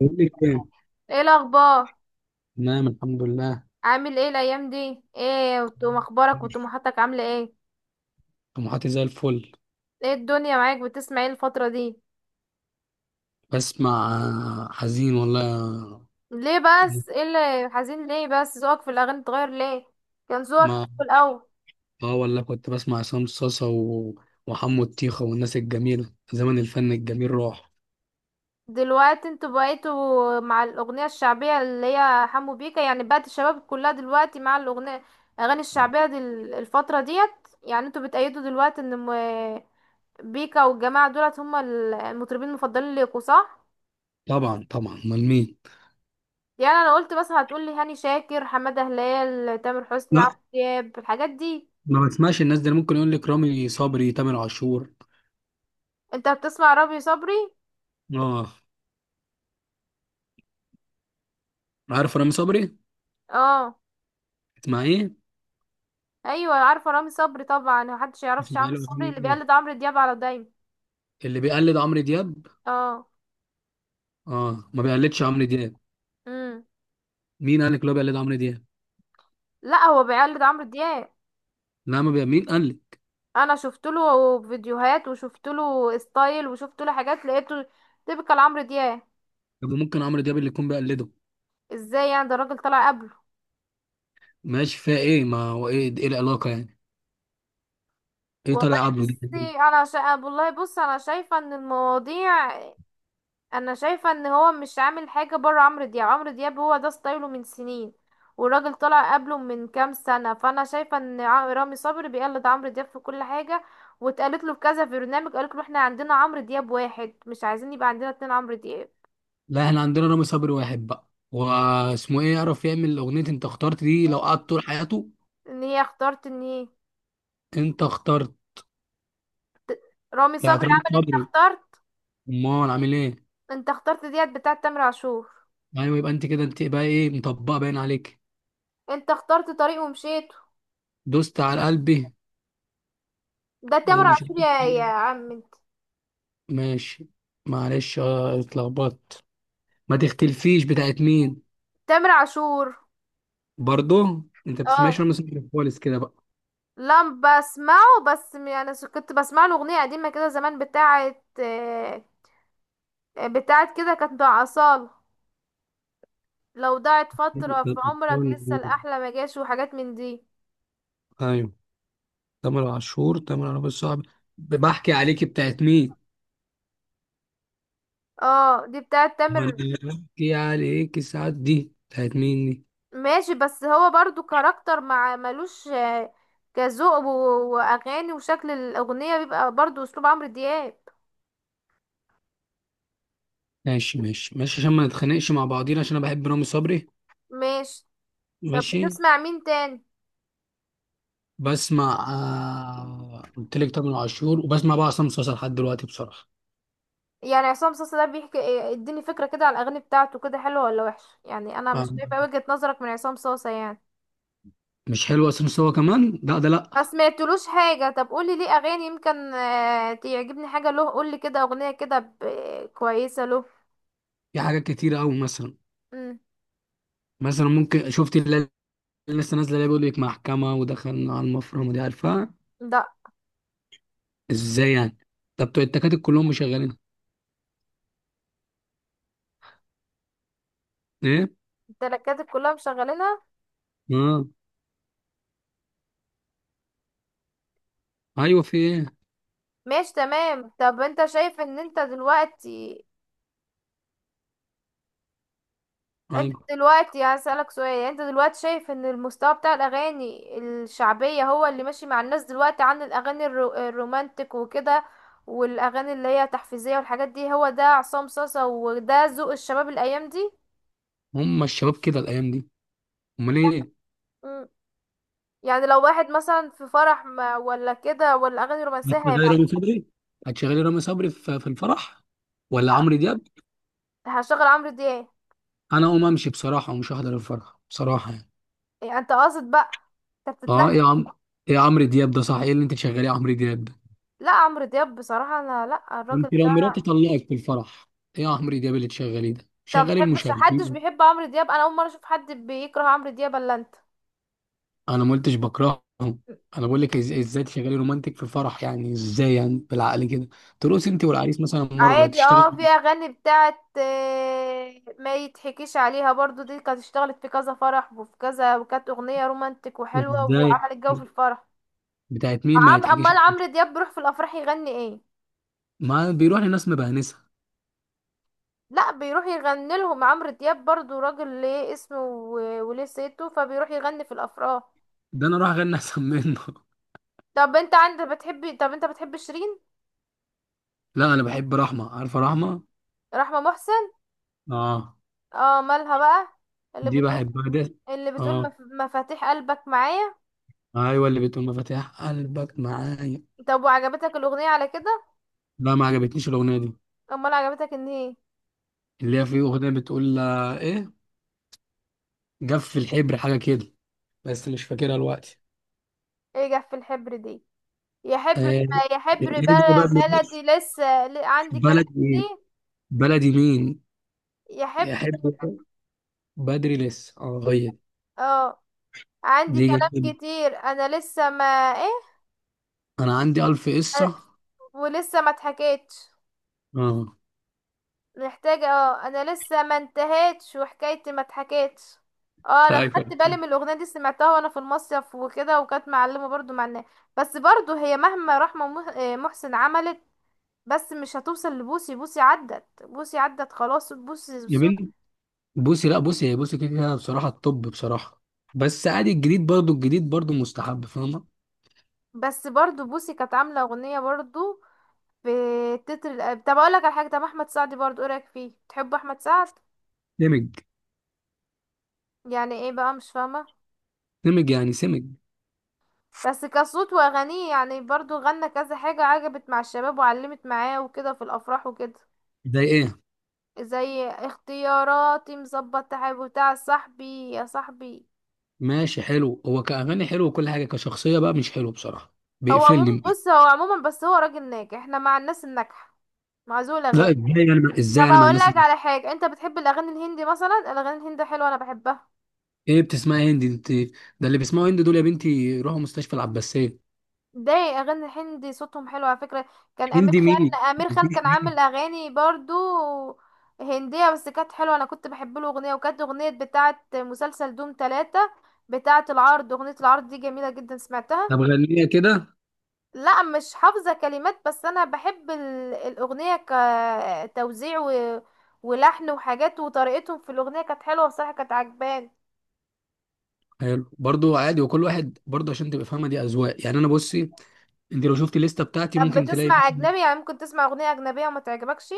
بقول لك ايه؟ ايه الاخبار؟ تمام، الحمد لله. عامل ايه الايام دي؟ ايه وتقوم اخبارك وطموحاتك عامله ايه؟ طموحاتي زي الفل. ايه الدنيا معاك؟ بتسمع ايه الفتره دي؟ بسمع حزين والله. ليه بس؟ ايه اللي حزين؟ ليه بس ذوقك في الاغاني اتغير؟ ليه كان ذوقك حلو ما الاول؟ اه والله كنت بسمع عصام صاصا وحمو الطيخة والناس الجميلة، زمن الفن الجميل راح. دلوقتي انتوا بقيتوا مع الاغنيه الشعبيه اللي هي حمو بيكا، يعني بقت الشباب كلها دلوقتي مع الاغاني الشعبيه دي، الفتره ديت. يعني انتوا بتأيدوا دلوقتي ان م- بيكا والجماعه دولت هم المطربين المفضلين ليكوا، صح؟ طبعا طبعا، امال مين؟ يعني انا قلت بس هتقولي هاني شاكر، حمادة هلال، تامر حسني، لا، عمرو دياب، الحاجات دي. ما بسمعش الناس دي. أنا ممكن يقول لك رامي صبري، تامر عاشور. انت بتسمع رامي صبري؟ اه. عارف رامي صبري؟ اه. اسمع ايه؟ ايوه عارفه رامي صبري طبعا، محدش يعرفش اسمع عمرو له صبري أغاني اللي إيه؟ بيقلد عمرو دياب على دايم. اللي بيقلد عمرو دياب؟ اه. اه، ما بيقلدش عمرو دياب. امم مين قال لك لو بيقلد عمرو دياب؟ لا هو بيقلد عمرو دياب. لا، ما بي... مين قال لك؟ انا شفت له فيديوهات وشفت له ستايل وشفت له حاجات، لقيته تيبيكال عمرو دياب. طب، ممكن عمرو دياب اللي يكون بيقلده. ازاي يعني؟ ده الراجل طلع قبله. ماشي، فيها ايه؟ ما هو ايه العلاقه يعني؟ ايه والله طالع قبله دي؟ بصي انا والله بص، انا شايفه ان المواضيع، انا شايفه ان هو مش عامل حاجه بره عمرو دياب. عمرو دياب هو ده ستايله من سنين، والراجل طلع قبله من كام سنه، فانا شايفه ان رامي صبري بيقلد عمرو دياب في كل حاجه، واتقالت له في كذا برنامج، قالت له احنا عندنا عمرو دياب واحد مش عايزين يبقى عندنا اتنين عمرو دياب. لا، احنا عندنا رامي صبري واحد بقى، واسمه ايه؟ يعرف يعمل اغنيه؟ انت اخترت دي لو قعد طول حياته. ان هي اختارت ان هي انت اخترت ت- رامي يعني. صبري رامي عمل انت صبري اخترت. امال عامل ايه؟ انت اخترت ديت بتاعت تامر عاشور. ايوه، يبقى انت كده. انت بقى ايه؟ مطبقه باين عليك. انت اخترت طريق ومشيت. دوست على قلبي، ده تامر ومش عاشور عارف يا إيه. عم انت. ماشي. معلش، اتلخبطت. ما تختلفيش، بتاعت مين؟ تامر عاشور. برضه انت اه بتسمعش رامي صبري خالص كده بقى؟ لا بسمعه، بس يعني كنت بسمع له اغنيه قديمه كده زمان بتاعه بتاعت كده، كانت مع اصاله. لو ضاعت فتره في عمرك لسه الاحلى ما جاش، وحاجات من دي. ايوه. تامر عاشور الصعب. بحكي عليكي بتاعت مين؟ اه دي بتاعت تامر. وانا بحكي عليكي ساعات، دي بتاعت مين دي؟ ماشي، بس هو برضو كاركتر مع ملوش كذوق واغاني، وشكل الاغنيه بيبقى برضو اسلوب عمرو دياب. ماشي ماشي ماشي، عشان ما نتخانقش مع بعضينا، عشان انا بحب رامي صبري. ماشي. طب ماشي. بتسمع مين تاني؟ بسمع. قلت لك تامر عاشور. وبسمع بقى عصام صاصا لحد دلوقتي بصراحه. يعني عصام صاصا ده بيحكي اديني فكرة كده على الأغاني بتاعته، كده حلوة ولا وحشة؟ يعني أنا مش آه، شايفة وجهة نظرك من عصام صاصا يعني. مش حلو عصام صاصا كمان، لا ده لا. ما سمعتلوش حاجة، طب قولي ليه أغاني يمكن تعجبني حاجة له، قولي كده أغنية كده كويسة له. في حاجات كتيره قوي، مثلا. مم. مثلا ممكن شفت اللي لسه نازله، اللي بيقول لك محكمه ودخلنا على المفرمه دي؟ عارفها؟ ده ازاي يعني؟ طب بتوع التكاتك كلهم مشغلين. ايه، التركات كلها مشغلينها. اه ايوه. في ايه؟ ماشي تمام. طب انت شايف ان انت دلوقتي، انت ايوه، دلوقتي هسألك سؤال، يعني انت دلوقتي شايف ان المستوى بتاع الاغاني الشعبية هو اللي ماشي مع الناس دلوقتي عن الاغاني الرومانتك وكده، والاغاني اللي هي تحفيزية والحاجات دي، هو ده عصام صاصا وده ذوق الشباب الايام دي؟ هم الشباب كده الايام دي. امال ايه؟ مم. يعني لو واحد مثلا في فرح ما ولا كده ولا اغاني رومانسية هتشغلي هيبقى؟ رامي صبري هتشغلي رامي صبري في الفرح، ولا لا، عمرو دياب؟ هشغل عمرو دياب. انا اقوم امشي بصراحه، ومش هحضر الفرح بصراحه يعني. يعني انت قاصد بقى؟ انت اه بتتلك؟ ايه يا عم؟ ايه عمرو دياب ده؟ صح، ايه اللي انت تشغليه عمرو دياب ده؟ لا عمرو دياب بصراحة انا لا، الراجل، انت لو مراتي طلقت في الفرح، ايه يا عمرو دياب اللي تشغليه ده؟ انت ما شغلي بتحبش؟ محدش المشاغبين. بيحب عمرو دياب؟ انا اول مره اشوف حد بيكره عمرو دياب الا انت. انا ما قلتش بكرههم. انا بقول لك ازاي تشغلي رومانتك في الفرح؟ يعني ازاي؟ يعني بالعقل كده؟ ترقص انت والعريس مثلا، مره عادي اه، في تشتغل اغاني بتاعت ما يتحكيش عليها برضو، دي كانت اشتغلت في كذا فرح وفي كذا، وكانت اغنيه رومانتك وحلوه ازاي؟ وعملت جو في الفرح. بتاعت مين ما عم، يتحكيش؟ امال عمرو دياب بيروح في الافراح يغني ايه؟ ما بيروح لناس مبهنسة. لا بيروح يغني لهم عمرو دياب، برضو راجل ليه اسمه وليه صيته، فبيروح يغني في الافراح. ده انا اروح اغني احسن منه. طب انت عندك بتحبي، طب انت بتحب شيرين؟ لا، انا بحب رحمة. عارفة رحمة؟ رحمه محسن؟ اه، اه، مالها بقى؟ اللي دي بتقول، بحبها ده. اللي بتقول اه، مفاتيح قلبك معايا؟ ايوه، اللي بتقول مفاتيح قلبك معايا. طب وعجبتك الأغنية على كده؟ لا، ما عجبتنيش الاغنية دي. امال عجبتك ان هي، اللي هي في اغنية بتقول، ايه، جف الحبر، حاجة كده. بس مش فاكرها دلوقتي. ايه جف الحبر دي؟ يا حبر، آه. يا حبر الأغنية دي بقى بلدي لسه عندي كلام بلدي. كتير. بلدي مين يا حبر، يحب؟ بدري لسه، هي دي. اه، عندي دي جميلة. كلام كتير، انا لسه ما، ايه، انا عندي الف أنا- قصة. ولسه ما اتحكيتش، اه. محتاجة، اه انا لسه ما انتهيتش وحكايتي ما اتحكيتش. اه، انا ايوه، خدت بالي من الاغنية دي، سمعتها وانا في المصيف وكده، وكانت معلمة برضو مع الناس. بس برضو هي مهما رحمة محسن عملت، بس مش هتوصل لبوسي. بوسي عدت، بوسي عدت خلاص. بوسي بصوت، جميل. بصي لا بصي هي بصي كده كده بصراحه، الطب بصراحه. بس عادي، الجديد برضو مستحب، فاهمه؟ بس برضو بوسي كانت عاملة اغنية برضو في تتر الأب. طب اقولك على حاجة، طب احمد سعد برضو ايه رأيك فيه، بتحب احمد سعد؟ سمج. يعني ايه بقى؟ مش فاهمة. سمج يعني، سمج. بس كصوت واغانيه يعني برضو غنى كذا حاجة عجبت مع الشباب وعلمت معاه وكده في الافراح وكده. زي ايه؟ زي اختياراتي، مظبط، تحب، بتاع صاحبي يا صاحبي. ماشي، حلو هو كاغاني، حلو وكل حاجه، كشخصيه بقى مش حلو بصراحه. هو عموما بيقفلني. بص، هو عموما بس هو راجل ناجح، احنا مع الناس الناجحة، مع ذوي الاغاني. لا، ازاي طب انا مع اقول الناس لك اللي... على حاجة، انت بتحب الاغاني الهندي مثلا؟ الاغاني الهندي حلوة، انا بحبها. ايه، بتسمع هندي انت؟ ده اللي بيسمعوا هندي دول يا بنتي روحوا مستشفى العباسيه. ده اغاني الهندي صوتهم حلو على فكره. كان امير هندي مين؟ خان، امير خان مفيش كان عامل هندي. اغاني برضو هنديه، بس كانت حلوه. انا كنت بحب له اغنيه، وكانت اغنيه بتاعه مسلسل دوم ثلاثة، بتاعه العرض، اغنيه العرض دي جميله جدا، سمعتها. طب غنيه كده. لا مش حافظه كلمات، بس انا بحب الاغنيه، كتوزيع ولحن وحاجات، وطريقتهم في الاغنيه كانت حلوه بصراحه، كانت عجباني. حلو برضو، عادي. وكل واحد برضو، عشان تبقى فاهمه، دي اذواق يعني. انا، بصي، انت لو شفتي الليسته بتاعتي طب ممكن تلاقي. بتسمع اجنبي؟ يعني ممكن تسمع اغنيه اجنبيه وما تعجبكش؟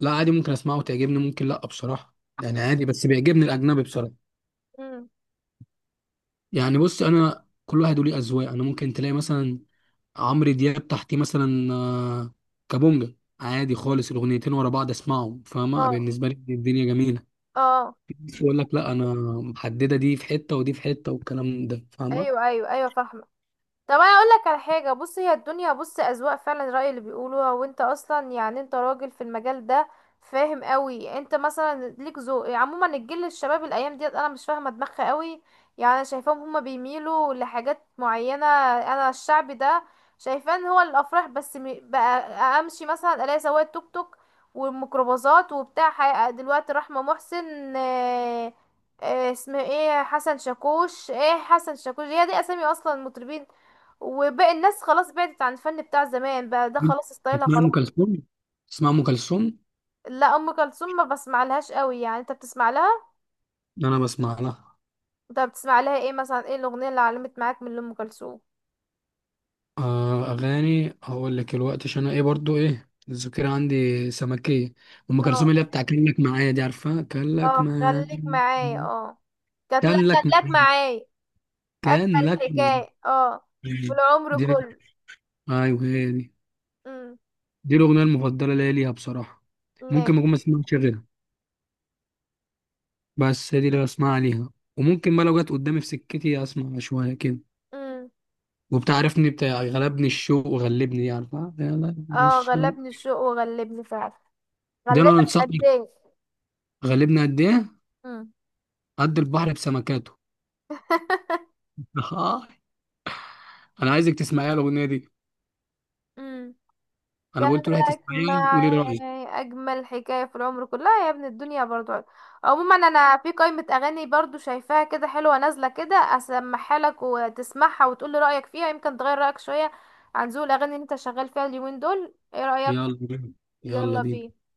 لا عادي، ممكن اسمعه وتعجبني، ممكن لا بصراحه يعني. عادي، بس بيعجبني الاجنبي بصراحه. مم. يعني بص، انا كل واحد وليه اذواق. انا ممكن تلاقي مثلا عمرو دياب، تحتيه مثلا، كابونجا. عادي خالص. الاغنيتين ورا بعض اسمعهم، فاهمه؟ اه، بالنسبه لي الدنيا جميله. اه، في ناس يقول لك لا، انا محدده، دي في حته ودي في حته، والكلام ده، فاهمه؟ ايوه ايوه ايوه، فاهمه. طب انا اقول لك على حاجه، بص هي الدنيا، بص اذواق فعلا، راي اللي بيقولوها، وانت اصلا يعني انت راجل في المجال ده، فاهم قوي، انت مثلا ليك ذوق، عموما الجيل الشباب الايام ديت انا مش فاهمه دماغها قوي، يعني انا شايفاهم هما بيميلوا لحاجات معينه. انا الشعب ده شايفاه ان هو الافراح بس بقى. امشي مثلا الاقي سواق توك توك والميكروباصات وبتاع دلوقتي رحمه محسن، اسمه ايه حسن شاكوش، ايه حسن شاكوش هي دي اسامي اصلا مطربين، وباقي الناس خلاص بعدت عن الفن بتاع زمان. بقى ده خلاص ستايلها تسمع خلاص. ام كلثوم؟ تسمع ام كلثوم؟ لا ام كلثوم ما بسمع لهاش قوي، يعني انت بتسمع لها؟ انا بسمع لها. انت بتسمع لها ايه مثلا؟ ايه الاغنيه اللي علمت معاك من ام كلثوم؟ اغاني هقول لك الوقت، عشان انا ايه برضو، ايه، الذاكره عندي سمكيه. ام كلثوم اه، اللي هي بتاع كان لك معايا، دي عارفها؟ كان لك اه معايا، خليك معايا، اه، كانت، لا كان لك كانت لك معايا، معايا، اجمل كان لك معايا حكايه، اه، والعمر دي. كله. ايوه، هي دي. امم. دي الاغنيه المفضله ليا ليها بصراحه. ممكن نعم. ما اكون ما اسمعش غيرها، بس هي دي اللي بسمعها ليها. وممكن بقى لو جت قدامي في سكتي اسمع شويه كده. امم. وبتعرفني بتاع غلبني الشوق وغلبني دي؟ عارفها؟ غلبني اه الشوق، غلبني الشوق وغلبني فعلا، ده انا غلبك قد انصحك. ايه؟ غلبني قد ايه؟ امم. قد البحر بسمكاته. اه. انا عايزك تسمعيها الاغنيه دي. انا قال بقول تروحي لك تسمعيها وقولي رايك. معاي، اجمل حكايه في العمر كلها، يا ابن الدنيا برضو. عموما انا في قائمه اغاني برضو شايفاها كده حلوه نازله كده، اسمعها لك وتسمعها وتقول لي رايك فيها، يمكن تغير رايك شويه عن ذوق الاغاني اللي انت شغال فيها اليومين دول، ايه رايك؟ يلا بينا. يلا يلا بينا. بينا.